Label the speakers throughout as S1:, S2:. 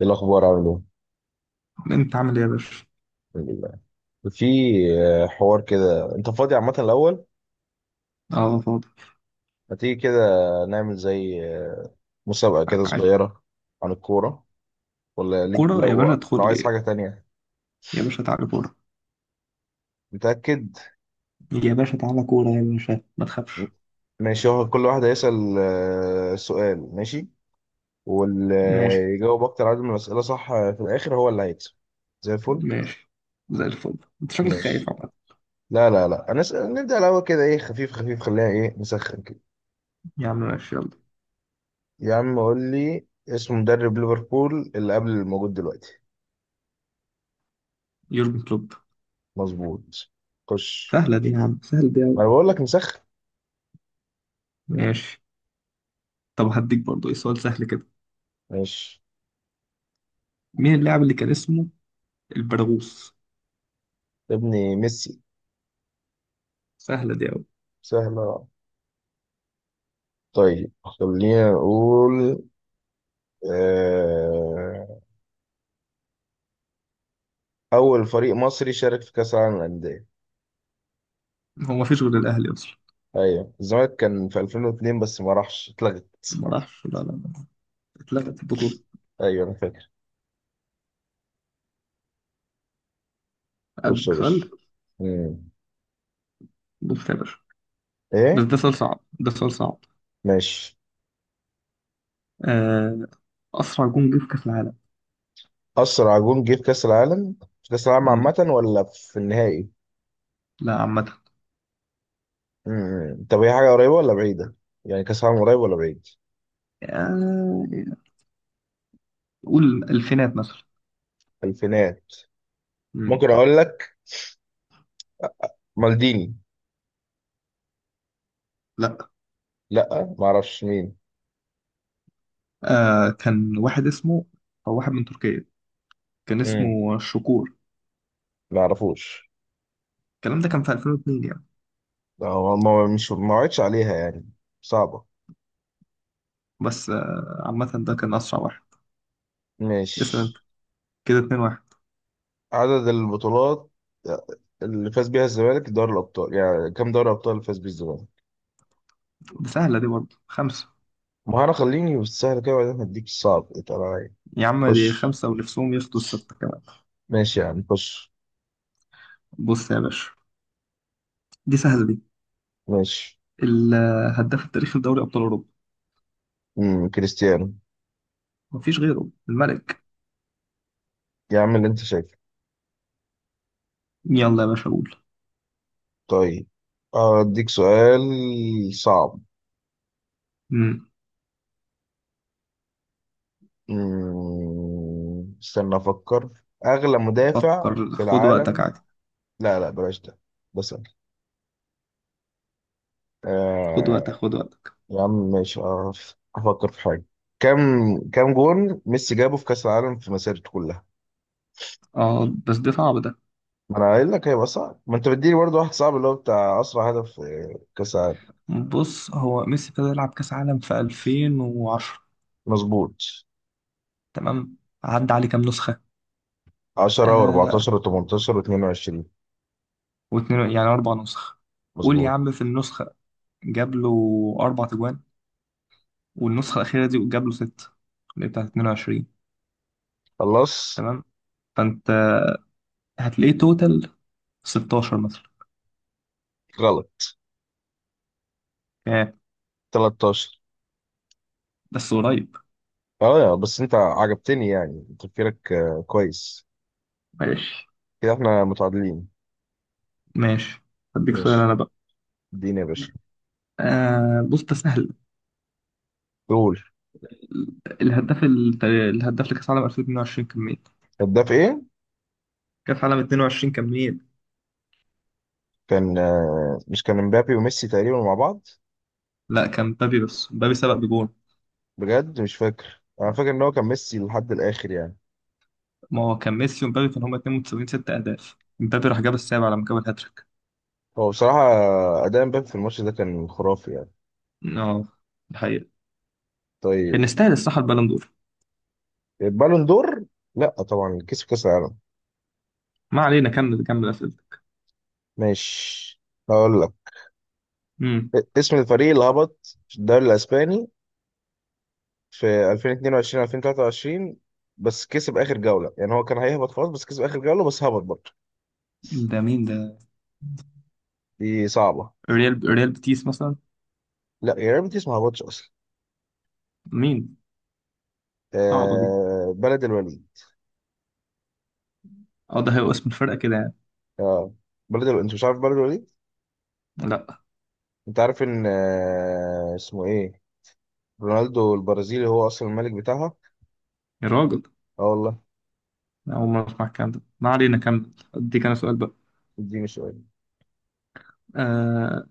S1: ايه الاخبار؟ عامل ايه؟
S2: انت عامل ايه يا باشا؟
S1: الحمد لله. في حوار كده، انت فاضي عامه الاول؟
S2: اه، فاضي.
S1: ما تيجي كده نعمل زي مسابقه كده
S2: ع-
S1: صغيره عن الكوره، ولا ليك
S2: كورة يا باشا،
S1: لو
S2: ادخل
S1: لو عايز
S2: لي.
S1: حاجه تانية؟
S2: يا باشا تعالى كورة.
S1: متاكد؟
S2: يا باشا تعالى كورة يا باشا، ما تخافش.
S1: ماشي، هو كل واحد هيسال سؤال، ماشي؟ واللي
S2: ماشي.
S1: يجاوب اكتر عدد من الاسئله، صح؟ في الاخر هو اللي هيكسب. زي الفل.
S2: ماشي. زي الفل. انت شكلك خايف
S1: ماشي.
S2: عامة.
S1: لا لا لا، هنسأل نبدا الاول كده ايه خفيف خفيف، خليها ايه نسخن كده.
S2: يا عم ماشي، يلا.
S1: يا عم قول لي اسم مدرب ليفربول اللي قبل الموجود دلوقتي.
S2: يورجن كلوب.
S1: مظبوط. خش.
S2: سهلة دي يا عم، سهل دي أوي.
S1: انا بقول لك نسخن.
S2: ماشي. طب هديك برضه ايه سؤال سهل كده.
S1: ماشي.
S2: مين اللاعب اللي كان اسمه البرغوث؟
S1: يا ابني ميسي.
S2: سهلة دي أوي.
S1: سهلة. طيب خلينا نقول آه... أول فريق مصري شارك في كأس العالم للأندية.
S2: هو ما فيش غير الأهلي أصلا.
S1: أيوة الزمالك كان في 2002 بس ما راحش، اتلغت.
S2: ما راحش، لا لا لا. اتلغت البطولة.
S1: أيوة أنا فاكر. خش يا
S2: أديك
S1: باشا.
S2: سؤال.
S1: مم.
S2: بص يا باشا. بس
S1: إيه؟
S2: ده سؤال صعب، ده سؤال صعب.
S1: ماشي.
S2: آه، أسرع جون جه في كأس العالم.
S1: أسرع جون جه في كأس العالم؟ في كأس العالم
S2: مم.
S1: عامة ولا في النهائي؟
S2: لا، عامة.
S1: طب هي حاجة قريبة ولا بعيدة؟ يعني كأس عالم قريب ولا بعيد؟
S2: آه، قول الفينات مثلا.
S1: الفينات.
S2: مم.
S1: ممكن أقول لك مالديني.
S2: لا.
S1: لأ معرفش مين.
S2: كان واحد اسمه، أو واحد من تركيا، كان
S1: امم
S2: اسمه شكور.
S1: معرفوش.
S2: الكلام ده كان في 2002 يعني.
S1: هو ما وعدش عليها يعني. صعبة.
S2: بس عامة ده كان أسرع واحد. اسأل
S1: مش
S2: أنت. كده 2 واحد.
S1: عدد البطولات اللي فاز بيها الزمالك دوري الأبطال، يعني كام دوري أبطال فاز بيه الزمالك؟
S2: دي سهلة دي برضه، خمسة.
S1: ما أنا خليني بالسهل كده وبعدين هديك الصعب اتقل عليا.
S2: يا عم دي
S1: خش.
S2: خمسة، ونفسهم ياخدوا الستة كمان.
S1: ماشي يا عم خش.
S2: بص يا باشا، دي سهلة دي.
S1: ماشي.
S2: الهداف التاريخي لدوري أبطال أوروبا.
S1: كريستيانو.
S2: مفيش غيره الملك.
S1: يا عم اللي أنت شايفه.
S2: يلا يا باشا قول.
S1: طيب أديك سؤال صعب.
S2: مم.
S1: استنى أفكر. أغلى مدافع
S2: فكر،
S1: في
S2: خد وقتك
S1: العالم.
S2: عادي.
S1: لا لا بلاش ده، ده سهل.
S2: خد وقتك
S1: آه
S2: خد وقتك.
S1: يا عم ماشي أعرف أفكر في حاجة. كم كم جون ميسي جابه في كأس العالم في مسيرته كلها؟
S2: اه بس ده صعب ده.
S1: ما أنا قايل لك هيبقى صعب، ما أنت بتديني برضه واحد صعب اللي هو بتاع أسرع هدف في كأس العالم.
S2: بص، هو ميسي ابتدى يلعب كأس عالم في 2010.
S1: مظبوط.
S2: تمام. عدى عليه كام نسخة؟
S1: 10
S2: آه
S1: و14 و18 و22.
S2: واتنين يعني أربع نسخ. قول يا
S1: مظبوط.
S2: عم في النسخة. جاب له أربع تجوان. والنسخة الأخيرة دي جاب له ستة، اللي هي بتاعت 22.
S1: خلاص.
S2: تمام. فأنت هتلاقيه توتال 16 مثلا.
S1: غلط.
S2: آه
S1: 13.
S2: بس قريب.
S1: اه بس انت عجبتني يعني تفكيرك كويس.
S2: ماشي.
S1: كده احنا متعادلين.
S2: ماشي. هديك سؤال
S1: ماشي.
S2: أنا بقى.
S1: اديني يا باشا.
S2: آه، بص ده سهل.
S1: دول.
S2: الهداف لكأس عالم 2022 كان مين؟
S1: هداف ايه؟
S2: كأس عالم 22 كان مين؟
S1: كان مش كان مبابي وميسي تقريبا مع بعض.
S2: لا، كان مبابي، بس مبابي سبق بجول.
S1: بجد مش فاكر، انا فاكر ان هو كان ميسي لحد الاخر يعني.
S2: ما هو كان ميسي ومبابي كانوا هما اتنين متساويين ست أهداف، مبابي راح جاب السابع لما جاب الهاتريك.
S1: هو بصراحة اداء مبابي في الماتش ده كان خرافي يعني.
S2: اه، الحقيقة. كان
S1: طيب.
S2: يستاهل الصراحة البالون دور.
S1: البالون دور. لا طبعا كسب كاس العالم.
S2: ما علينا، كمل كمل أسئلتك.
S1: ماشي. هقول لك
S2: امم.
S1: اسم الفريق اللي هبط في الدوري الاسباني في 2022 2023، بس كسب اخر جوله يعني. هو كان هيهبط خلاص بس كسب اخر جوله بس هبط برضه.
S2: ده مين ده؟
S1: دي صعبه.
S2: ريال بيتيس مثلا.
S1: لا يا ريت، دي ما هبطش اصلا.
S2: مين؟ صعبة دي.
S1: بلد الوليد.
S2: اه، ده هيبقى اسم الفرقة كده يعني.
S1: اه بلد الوليد، انت مش عارف بلد الوليد؟
S2: لا.
S1: انت عارف ان اسمه ايه رونالدو البرازيلي هو اصلا الملك بتاعها.
S2: يا راجل،
S1: اه والله.
S2: أنا أول مرة أسمع الكلام ده. ما علينا كمل، أديك أنا سؤال بقى.
S1: اديني شويه.
S2: آه.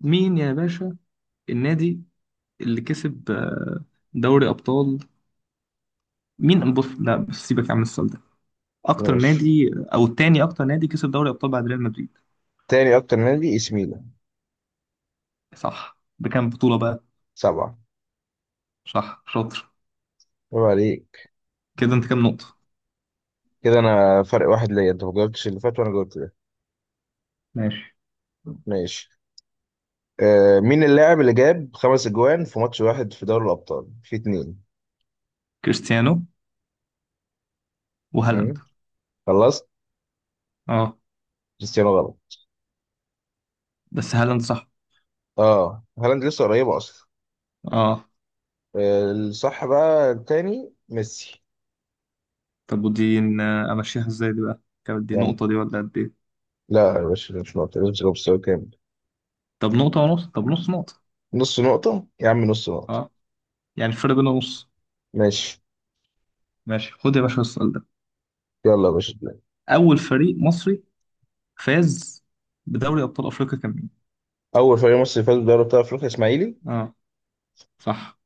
S2: مين يا باشا؟ النادي اللي كسب دوري أبطال. مين؟ بص لا، بس سيبك يا عم السؤال ده. اكتر
S1: ماشي.
S2: نادي او تاني اكتر نادي كسب دوري ابطال بعد ريال مدريد.
S1: تاني اكتر نادي اي سي ميلان،
S2: صح، بكام بطولة بقى؟
S1: سبعه.
S2: صح شاطر.
S1: عيب عليك.
S2: كده انت كام نقطة؟
S1: كده انا فرق واحد ليا، انت ما جاوبتش اللي فات وانا جاوبت ده.
S2: ماشي.
S1: ماشي. مين اللاعب اللي جاب خمس اجوان في ماتش واحد في دوري الابطال في اتنين؟
S2: كريستيانو وهالاند.
S1: مم. خلصت.
S2: اه
S1: كريستيانو غلط.
S2: بس هالاند صح.
S1: اه هالاند لسه قريبه اصلا.
S2: اه.
S1: الصح بقى التاني ميسي.
S2: طب ودي امشيها ازاي دي بقى؟ كانت دي
S1: يعني
S2: نقطة دي ولا قد ايه؟
S1: لا يا باشا، ده مش نقطة مش نقطة، مستوى كامل.
S2: طب نقطة ونص، طب نص نقطة.
S1: نص نقطة يا عم، نص نقطة.
S2: اه. يعني الفرق بيننا نص.
S1: ماشي.
S2: ماشي. خد يا باشا السؤال ده.
S1: يلا يا باشا.
S2: اول فريق مصري فاز بدوري ابطال افريقيا كان مين؟
S1: أول فريق مصري فاز بدوري أبطال أفريقيا إسماعيلي.
S2: اه، صح.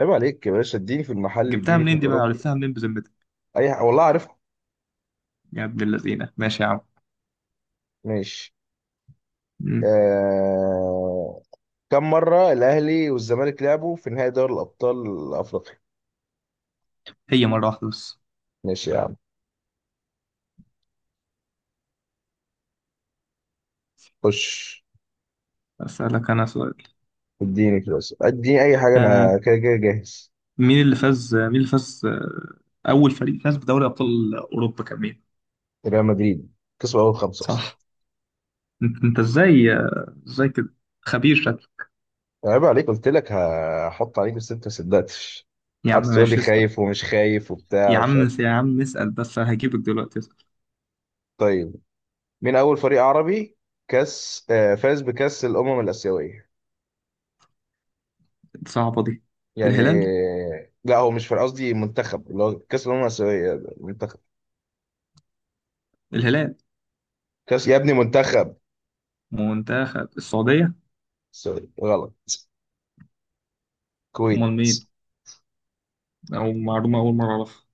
S1: عيب عليك يا باشا، اديني في المحل
S2: جبتها
S1: اديني في
S2: منين دي بقى؟
S1: الأوروبي.
S2: عرفتها منين بذمتك؟
S1: والله عارفها.
S2: يا ابن اللذينة. ماشي يا
S1: ماشي.
S2: عم.
S1: آه... كم مرة الأهلي والزمالك لعبوا في نهائي دوري الأبطال الأفريقي؟
S2: هي مرة واحدة بس.
S1: ماشي يا عم خش.
S2: أسألك أنا سؤال.
S1: اديني كده بس. اديني أي حاجة،
S2: آه
S1: أنا كده كده جاهز.
S2: مين اللي فاز، أول فريق فاز بدوري أبطال أوروبا كان مين؟
S1: ريال مدريد كسبوا أول خمسة أصلا.
S2: صح. أنت إزاي كده. خبير شكلك.
S1: عيب عليك، قلت لك هحط عليك بس أنت ما صدقتش.
S2: يا
S1: قعدت
S2: عم
S1: تقول لي
S2: ماشي اسأل.
S1: خايف ومش خايف وبتاع
S2: يا
S1: ومش
S2: عم،
S1: عارف.
S2: يا عم اسأل بس هجيبك دلوقتي، اسأل.
S1: طيب مين أول فريق عربي كاس فاز بكاس الأمم الآسيوية؟
S2: صعبة دي.
S1: يعني
S2: الهلال.
S1: لا، هو مش فريق، قصدي منتخب، اللي هو كاس الأمم الآسيوية ده، منتخب.
S2: الهلال.
S1: كاس يا ابني، منتخب.
S2: منتخب السعودية.
S1: سوري غلط. كويت.
S2: أمال مين؟ أو معلومة أول مرة أعرفها.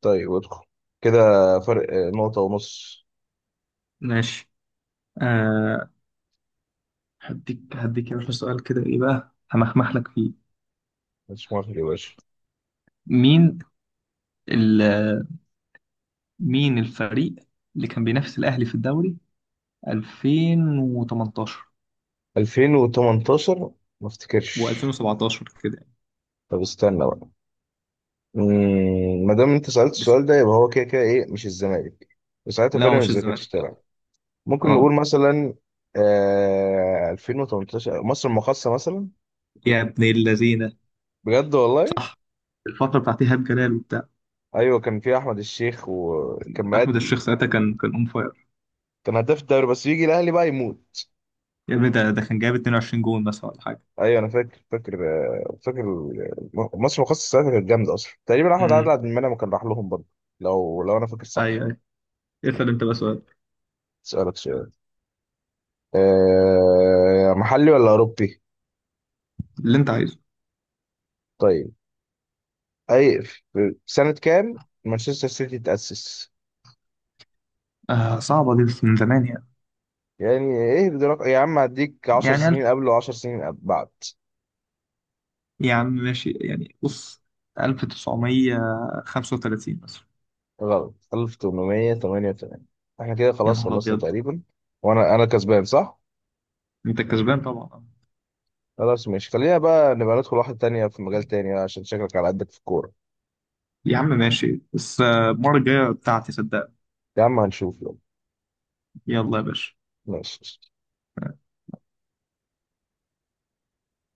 S1: طيب ادخل. كده فرق نقطة ونص.
S2: ماشي. آه، هديك يا باشا سؤال كده، إيه بقى همخمح لك فيه.
S1: مش مؤاخذة يا باشا.
S2: مين مين الفريق اللي كان بينافس الأهلي في الدوري 2018
S1: 2018. ما افتكرش.
S2: و2017 كده يعني.
S1: طب استنى بقى. ما دام انت سألت
S2: دس-
S1: السؤال ده يبقى هو كده كده ايه مش الزمالك، وساعتها
S2: لا هو مش
S1: بيراميدز ما كانتش
S2: الزمالك، لا.
S1: تلعب. ممكن
S2: اه،
S1: نقول مثلا 2018 مصر المقاصة مثلا.
S2: يا ابن اللذينة،
S1: بجد والله.
S2: صح. الفترة بتاعت إيهاب جلال وبتاع
S1: ايوه كان في احمد الشيخ وكان
S2: أحمد
S1: مأدي.
S2: الشيخ ساعتها كان أون فاير.
S1: كان هداف الدوري بس يجي الاهلي بقى يموت.
S2: يا ابني ده كان جايب 22 جون مثلا ولا حاجة.
S1: ايوه انا فاكر فاكر. مصر مخصص ساعتها كانت جامده اصلا، تقريبا احمد عادل
S2: امم.
S1: عبد المنعم كان راح لهم برضه. لو انا فاكر صح.
S2: أيوه أيوه. اسأل أنت بقى سؤال.
S1: اسالك سؤال. أه محلي ولا اوروبي؟
S2: اللي أنت عايزه.
S1: طيب. اي. في سنه كام مانشستر سيتي تاسس؟
S2: آه، صعبة دي بس من زمان يعني.
S1: يعني ايه بدرجة يا عم، هديك 10
S2: يعني ألف.
S1: سنين قبل و10 سنين بعد.
S2: يا عم ماشي يعني، بص. 1935 مثلا.
S1: غلط. 1888. احنا كده
S2: يا
S1: خلاص
S2: نهار
S1: خلصنا
S2: أبيض.
S1: تقريبا. وانا كسبان صح.
S2: أنت كسبان طبعا.
S1: خلاص ماشي، خلينا بقى نبقى ندخل واحدة تانية في مجال تاني بقى، عشان شكلك على قدك في الكورة.
S2: يا عم ماشي بس المرة الجاية بتاعتي صدق.
S1: يا عم هنشوف يلا.
S2: يلا يا باشا.
S1: ماشي.